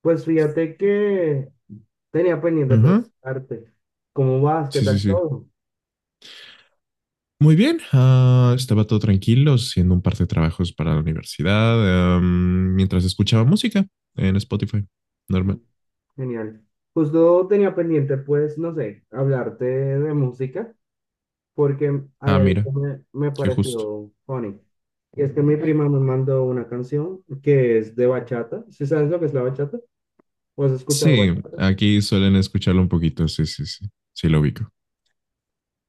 Pues fíjate que tenía pendiente Ajá. preguntarte, ¿cómo vas? ¿Qué Sí, sí, tal sí. todo? Muy bien. Estaba todo tranquilo haciendo un par de trabajos para la universidad, mientras escuchaba música en Spotify. Mm, Normal. Genial. Justo tenía pendiente, pues, no sé, hablarte de música, porque hay Ah, algo mira, que me qué justo. pareció funny. Y es que mi prima me mandó una canción que es de bachata. ¿Sí sabes lo que es la bachata? ¿O has escuchado Sí, bachata? aquí suelen escucharlo un poquito. Sí, sí, sí. Sí, lo ubico.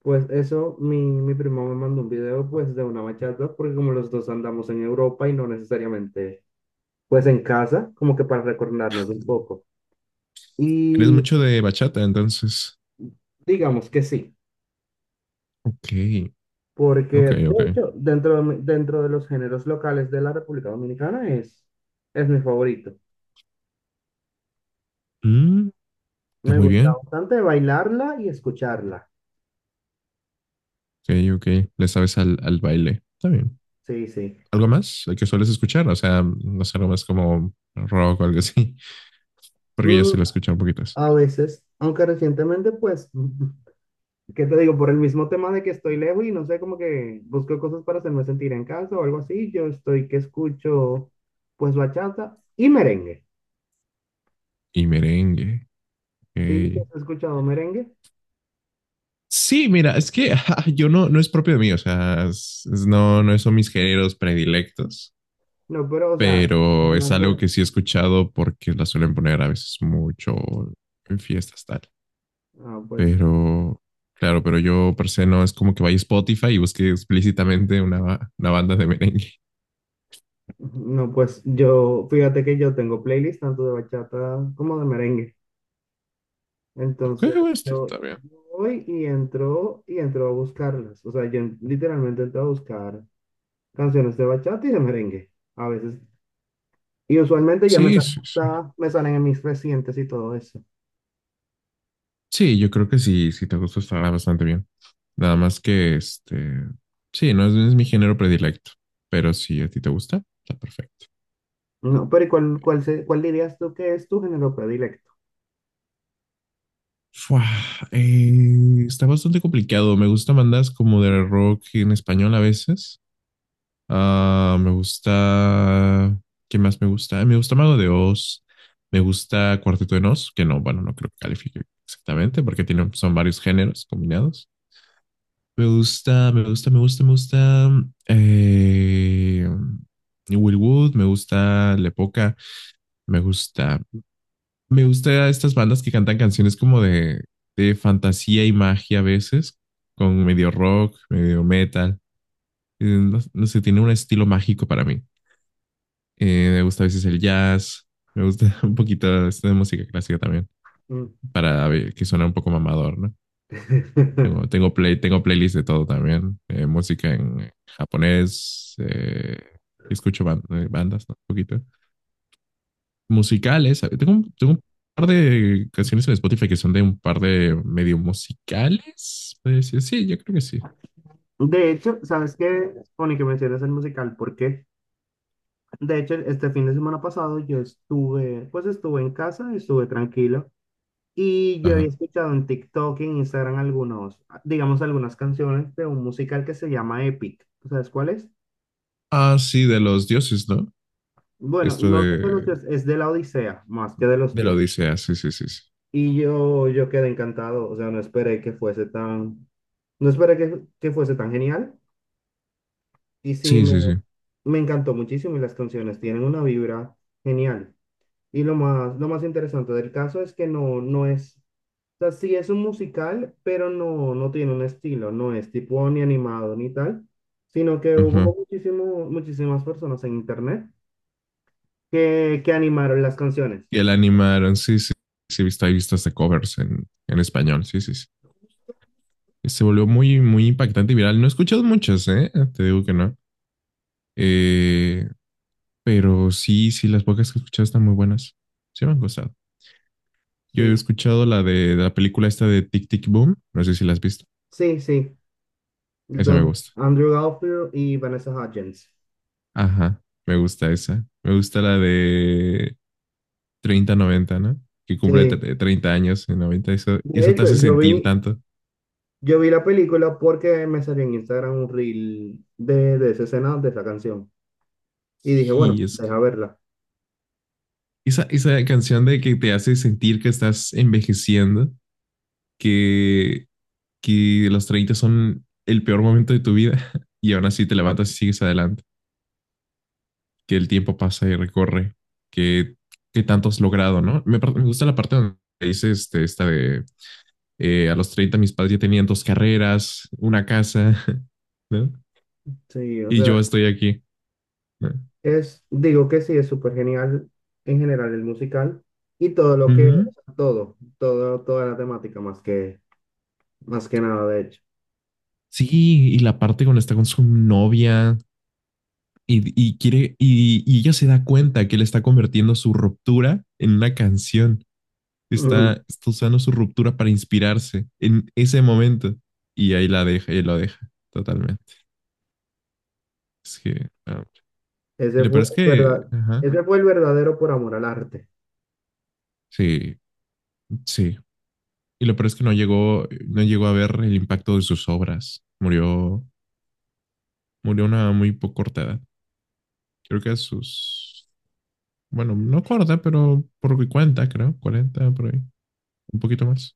Pues eso, mi prima me mandó un video, pues, de una bachata, porque como los dos andamos en Europa y no necesariamente, pues, en casa, como que para recordarnos un poco. Eres Y mucho de bachata, entonces. digamos que sí, Ok, ok, porque de ok. hecho, dentro de los géneros locales de la República Dominicana es mi favorito. Mm, está Me muy gusta bien. bastante bailarla y escucharla. Ok, ok. Le sabes al, al baile. Está bien. Sí, sí. ¿Algo más que sueles escuchar? O sea, no sé, algo más como rock o algo así. Porque yo sí Mm, lo escucho un poquito. a veces, aunque recientemente, pues, ¿qué te digo? Por el mismo tema de que estoy lejos y no sé, como que busco cosas para hacerme sentir en casa o algo así, yo estoy que escucho, pues, bachata y merengue. Y merengue. Sí, Ok. ¿has escuchado merengue? Sí, mira, es que ajá, yo no, no es propio de mí, o sea, no, no son mis géneros predilectos, No, pero, o sea, es pero es más algo ver. que sí he escuchado porque la suelen poner a veces mucho en fiestas, tal. Ah, pues. Pero, claro, pero yo per se no es como que vaya a Spotify y busque explícitamente una, una banda de merengue. No, pues yo, fíjate que yo tengo playlist tanto de bachata como de merengue. Ok, Entonces, bueno, está, yo está bien. voy y entro a buscarlas. O sea, yo literalmente entro a buscar canciones de bachata y de merengue. A veces. Y usualmente ya me Sí, salen, sí, sí. Me salen en mis recientes y todo eso. Sí, yo creo que sí, si te gusta estará bastante bien. Nada más que este, sí, no es, no es mi género predilecto, pero si a ti te gusta, está perfecto. No, pero ¿y cuál dirías tú que es tu género predilecto? Fua, está bastante complicado. Me gustan bandas como de rock en español a veces. Ah, me gusta, ¿qué más me gusta? Me gusta Mago de Oz. Me gusta Cuarteto de Nos, que no, bueno, no creo que califique exactamente porque tiene, son varios géneros combinados. Me gusta, me gusta, me gusta, me gusta. eh, Will Wood, me gusta Lepoca, me gusta. Me gusta estas bandas que cantan canciones como de fantasía y magia a veces, con medio rock, medio metal. No, no sé, tiene un estilo mágico para mí. Me gusta a veces el jazz, me gusta un poquito esta de música clásica también, Mm. para ver que suena un poco mamador, ¿no? Tengo, tengo, play, tengo playlist de todo también. Música en japonés. Escucho bandas, ¿no? Un poquito. Musicales. ¿Sabes? Tengo, tengo un par de canciones en Spotify que son de un par de medio musicales. Puede decir. Sí, yo creo que sí. De hecho, ¿sabes qué? Pone que mencionas el musical, ¿por qué? De hecho, este fin de semana pasado yo estuve, pues estuve en casa, estuve tranquilo y yo había Ajá. escuchado en TikTok y en Instagram digamos, algunas canciones de un musical que se llama Epic. ¿Tú sabes cuál es? Ah, sí, de los dioses, ¿no? Bueno, Esto no son de los dioses, es de la Odisea más que de los de la dioses. Odisea. Sí, sí, sí, sí. Y yo quedé encantado, o sea, no esperé que fuese tan, no esperé que fuese tan genial y sí, Sí, me, sí, sí. me encantó muchísimo y las canciones tienen una vibra genial. Y lo más interesante del caso es que no es, o sea, sí es un musical, pero no tiene un estilo, no es tipo ni animado ni tal, sino que hubo Ajá. Muchísimas personas en internet que animaron las canciones. Y el animaron. Sí, sí. Sí, he visto hasta covers en Justo. español. Sí, sí, sí. Se volvió muy, muy impactante y viral. No he escuchado muchas, ¿eh? Te digo que no. Eh, pero sí, sí, las pocas que he escuchado están muy buenas. Sí me han gustado. Yo he Sí, escuchado la de la película esta de Tic Tic Boom. No sé si la has visto. sí, sí, Esa me Don gusta. Andrew Garfield y Vanessa Hudgens. Ajá, me gusta esa. Me gusta la de 30/90, ¿no? Que cumple Sí, 30 años en 90. Eso, de eso te hecho, hace yo sentir vi, tanto. yo vi la película porque me salió en Instagram un reel de esa escena, de esa canción. Y dije, bueno, Sí, es deja que verla. esa canción de que te hace sentir que estás envejeciendo, que que los 30 son el peor momento de tu vida y aún así te levantas y sigues adelante, que el tiempo pasa y recorre, que, que tanto has logrado, ¿no? Me, me gusta la parte donde dice este, esta de a los 30 mis padres ya tenían dos carreras, una casa, ¿no? Sí, o Y sea, yo estoy aquí. ¿No? es, digo que sí, es súper genial en general el musical y todo lo que, o Ujú. sea, toda la temática más que nada, de hecho. Sí, y la parte cuando está con su novia y quiere, y ella se da cuenta que él está convirtiendo su ruptura en una canción. Ujú. Está, está usando su ruptura para inspirarse en ese momento. Y ahí la deja, y lo deja totalmente. Es que, ah, y Ese lo fue peor es el que, verdad, ajá, Ese fue el verdadero por amor al arte. sí, sí. Y lo peor es que no llegó, no llegó a ver el impacto de sus obras. Murió, murió a una muy poco corta edad. Creo que a sus, bueno, no corta, pero por mi cuenta, creo, 40 por ahí, un poquito más.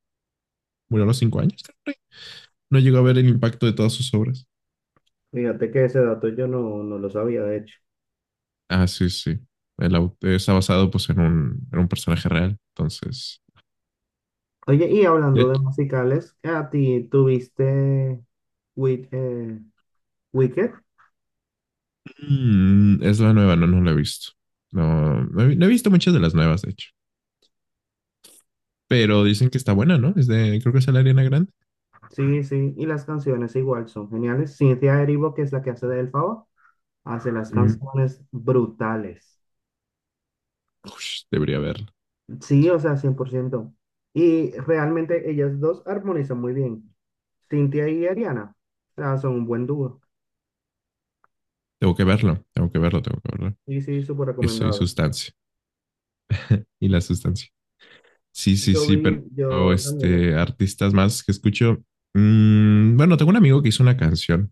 Murió a los 5 años, creo. No llegó a ver el impacto de todas sus obras. Fíjate que ese dato yo no lo sabía, de hecho. Ah, sí, sí. Está basado pues en un personaje real. Entonces, Oye, y de hablando de hecho, musicales, ¿a ti tuviste Wi- eh, Wicked? mm, es la nueva, no, no la he visto. No, no he, no he visto muchas de las nuevas, de hecho. Pero dicen que está buena, ¿no? Es de, creo que es de la Ariana Grande. Sí, sí, y las canciones igual son geniales. Cynthia Erivo, que es la que hace de Elphaba, hace las Mm. canciones brutales. Ush, debería verlo. Sí, o sea, 100%. Y realmente ellas dos armonizan muy bien. Cintia y Ariana, o sea, son un buen dúo. Tengo que verlo, tengo que verlo, tengo que verlo. Y sí, súper Que soy recomendado. sustancia. Y la sustancia. Sí, sí, Yo sí, vi, pero yo también. Este, artistas más que escucho. Mm, bueno, tengo un amigo que hizo una canción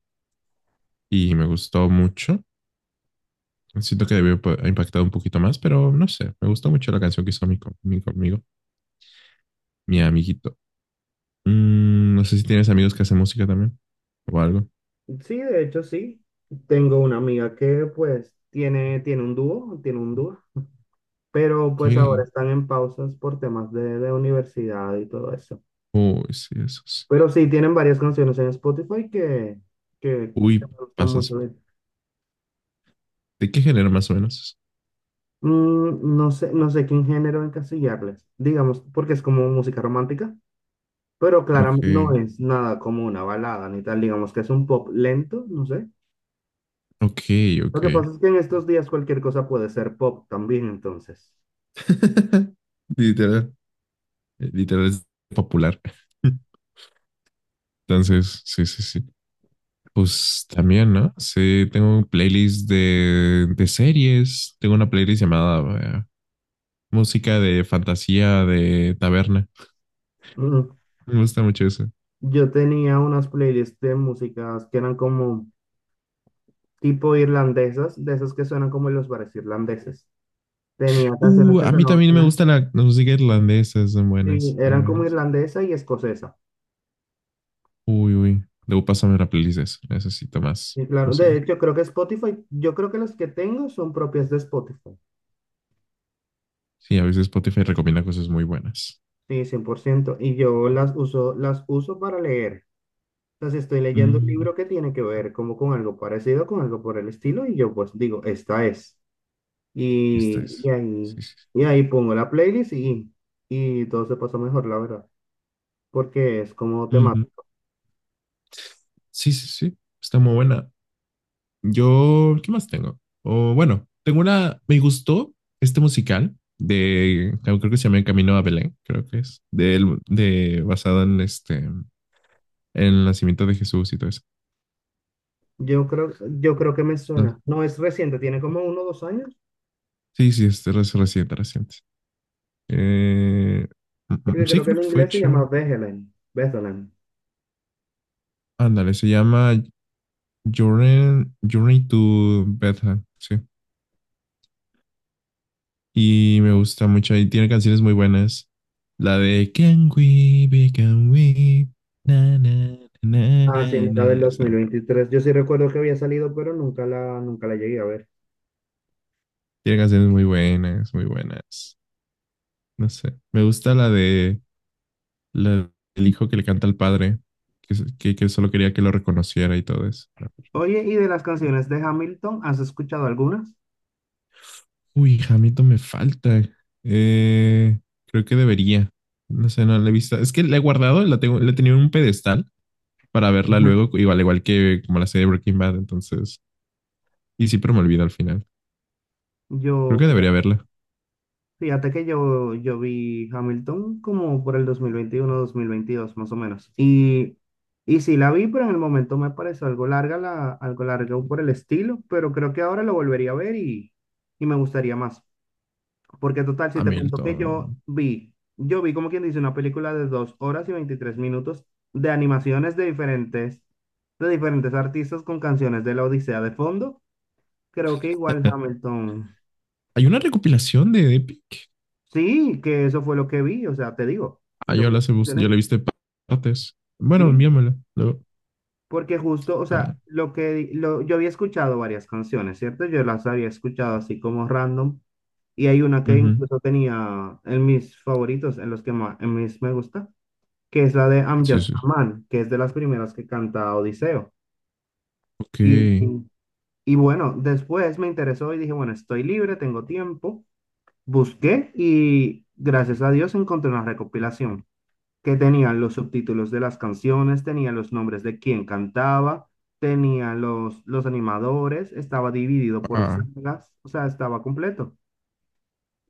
y me gustó mucho. Siento que debió ha impactado un poquito más, pero no sé. Me gustó mucho la canción que hizo mi, mi amigo, mi amiguito. Mm, no sé si tienes amigos que hacen música también o algo. Sí, de hecho, sí. Tengo una amiga que pues tiene un dúo, pero pues ahora ¿Qué? están en pausas por temas de universidad y todo eso. Uy, sí, esos. Pero sí, tienen varias canciones en Spotify que Uy, me gustan mucho. pasas. ¿De qué género más o menos? No sé qué género encasillarles, digamos, porque es como música romántica, pero Ok, claramente no es nada como una balada ni tal, digamos que es un pop lento, no sé. ok, Lo ok. que pasa es que en estos días cualquier cosa puede ser pop también, entonces. Literal, literal es popular. Entonces, sí, sí, sí. Pues también, ¿no? Sí, tengo un playlist de series. Tengo una playlist llamada música de fantasía, de taberna. Mm, Me gusta mucho eso. Yo tenía unas playlists de músicas que eran como tipo irlandesas, de esas que suenan como en los bares irlandeses. Tenía canciones que A mí sonaban, también me gusta la, la música irlandesa, son sí, buenas, son eran como buenas. irlandesa y escocesa. Uy, uy. Debo pasarme la playlist de eso. Necesito más Sí, claro. De música. hecho, creo que Spotify, yo creo que las que tengo son propias de Spotify. Sí, a veces Spotify recomienda cosas muy buenas. Sí, 100%. Y yo las uso, para leer. Entonces, estoy leyendo un Mm, libro que tiene que ver como con algo parecido, con algo por el estilo, y yo pues digo, esta es. esta Y, y es. ahí, Sí, sí. y ahí pongo la playlist y todo se pasa mejor, la verdad, porque es como tema. Mm, sí, sí, sí. Está muy buena. Yo, ¿qué más tengo? O bueno, tengo una, me gustó este musical de, creo que se llama El Camino a Belén, creo que es, de basado en este, el nacimiento de Jesús y todo eso. Yo creo, yo creo que me No, suena. No es reciente, tiene como uno o dos años, sí, sí, es reciente, reciente. Eh, mm, mm, porque sí, creo que creo en que fue inglés se hecho. llama Bethlehem. Bethlehem. Ándale, se llama Journey, Journey to Bethlehem, sí. Y me gusta mucho, y tiene canciones muy buenas. La de Can We Be, Can We, na, na, na, Ah, sí, na, la del na. dos mil Esa, veintitrés Yo sí recuerdo que había salido, pero nunca nunca la llegué a ver. tiene canciones muy buenas, muy buenas. No sé, me gusta la de... la- el hijo que le canta al padre, que, que solo quería que lo reconociera y todo eso. Oye, ¿y de las canciones de Hamilton, has escuchado algunas? Uy, Hamilton me falta. Eh, creo que debería. No sé, no la he visto. Es que la he guardado, la tengo, la tenía en un pedestal para verla luego, igual, igual que como la serie Breaking Bad, entonces. Y sí, pero me olvido al final. Creo Yo, que debería fíjate, verla. fíjate que yo vi Hamilton como por el 2021 2022 más o menos. Y sí la vi, pero en el momento me pareció algo larga por el estilo, pero creo que ahora lo volvería a ver y me gustaría más. Porque total, si te cuento que Hamilton. yo vi como quien dice una película de 2 horas y 23 minutos de animaciones de diferentes artistas con canciones de la Odisea de fondo. Creo que igual Hamilton. Hay una recopilación de Epic. Sí, que eso fue lo que vi, o sea, te digo, Ah, eso yo fue lo la, que yo mencioné. la he visto de partes. Bueno, Sí, envíamela luego. porque justo, o Ah, sea, lo que di- lo, yo había escuchado varias canciones, ¿cierto? Yo las había escuchado así como random y hay una que ujú. incluso tenía en mis favoritos, en los que más, en mis me gusta, que es la de I'm Sí, Just sí. a Man, que es de las primeras que canta Odiseo. Ok. Y, y- y bueno, después me interesó y dije, bueno, estoy libre, tengo tiempo. Busqué y gracias a Dios encontré una recopilación que tenía los subtítulos de las canciones, tenía los nombres de quien cantaba, tenía los animadores, estaba dividido por Ah, sagas, o sea, estaba completo.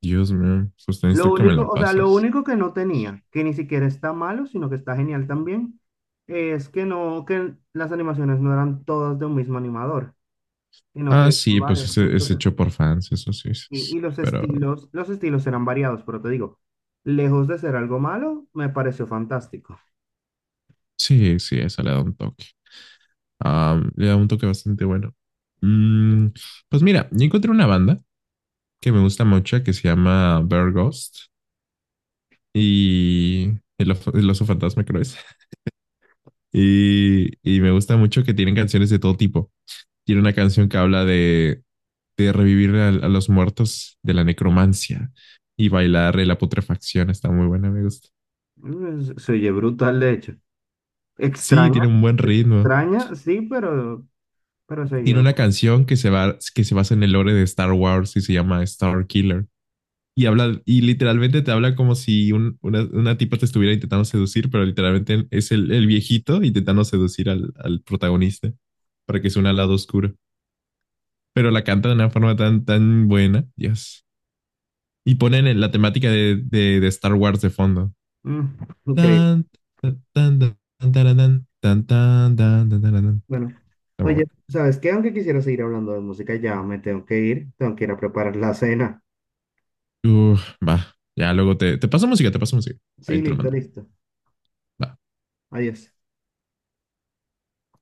Dios mío, pues Lo necesito que me la único, o sea, lo pases. único que no tenía, que ni siquiera está malo, sino que está genial también, es que que las animaciones no eran todas de un mismo animador, sino que Ah, eran sí, pues varios. Es Entonces, hecho por fans, eso sí, sí, sí. y los Pero estilos, los estilos eran variados, pero te digo, lejos de ser algo malo, me pareció fantástico. sí, sí, esa le da un toque. Ah, le da un toque bastante bueno. Mm, pues mira, yo encontré una banda que me gusta mucho que se llama Bear Ghost y el, el oso fantasma, creo es. Y, y me gusta mucho que tienen canciones de todo tipo. Tiene una canción que habla de revivir a los muertos de la necromancia y bailar la putrefacción. Está muy buena, me gusta. Se oye brutal, de hecho. Sí, Extraña, tiene un buen ritmo. extraña, sí, pero, se oye Tiene una canción que se va, que se basa en el lore de Star Wars y se llama Star Killer. Y habla, y literalmente te habla como si una tipa te estuviera intentando seducir, pero literalmente es el viejito intentando seducir al, al protagonista para que sea un lado oscuro. Pero la canta de una forma tan, tan buena, Dios. Y ponen en la temática de Star Wars de fondo. mm, increíble. Tan, tan, tan, tan, tan, tan, tan, tan, tan, tan, tan, tan. Bueno, Está muy oye, bueno. ¿sabes qué? Aunque quisiera seguir hablando de música, ya me tengo que ir a preparar la cena. Uf, va, ya luego te, te paso música, te paso música. Ahí Sí, te lo listo, mando. listo. Va. Adiós.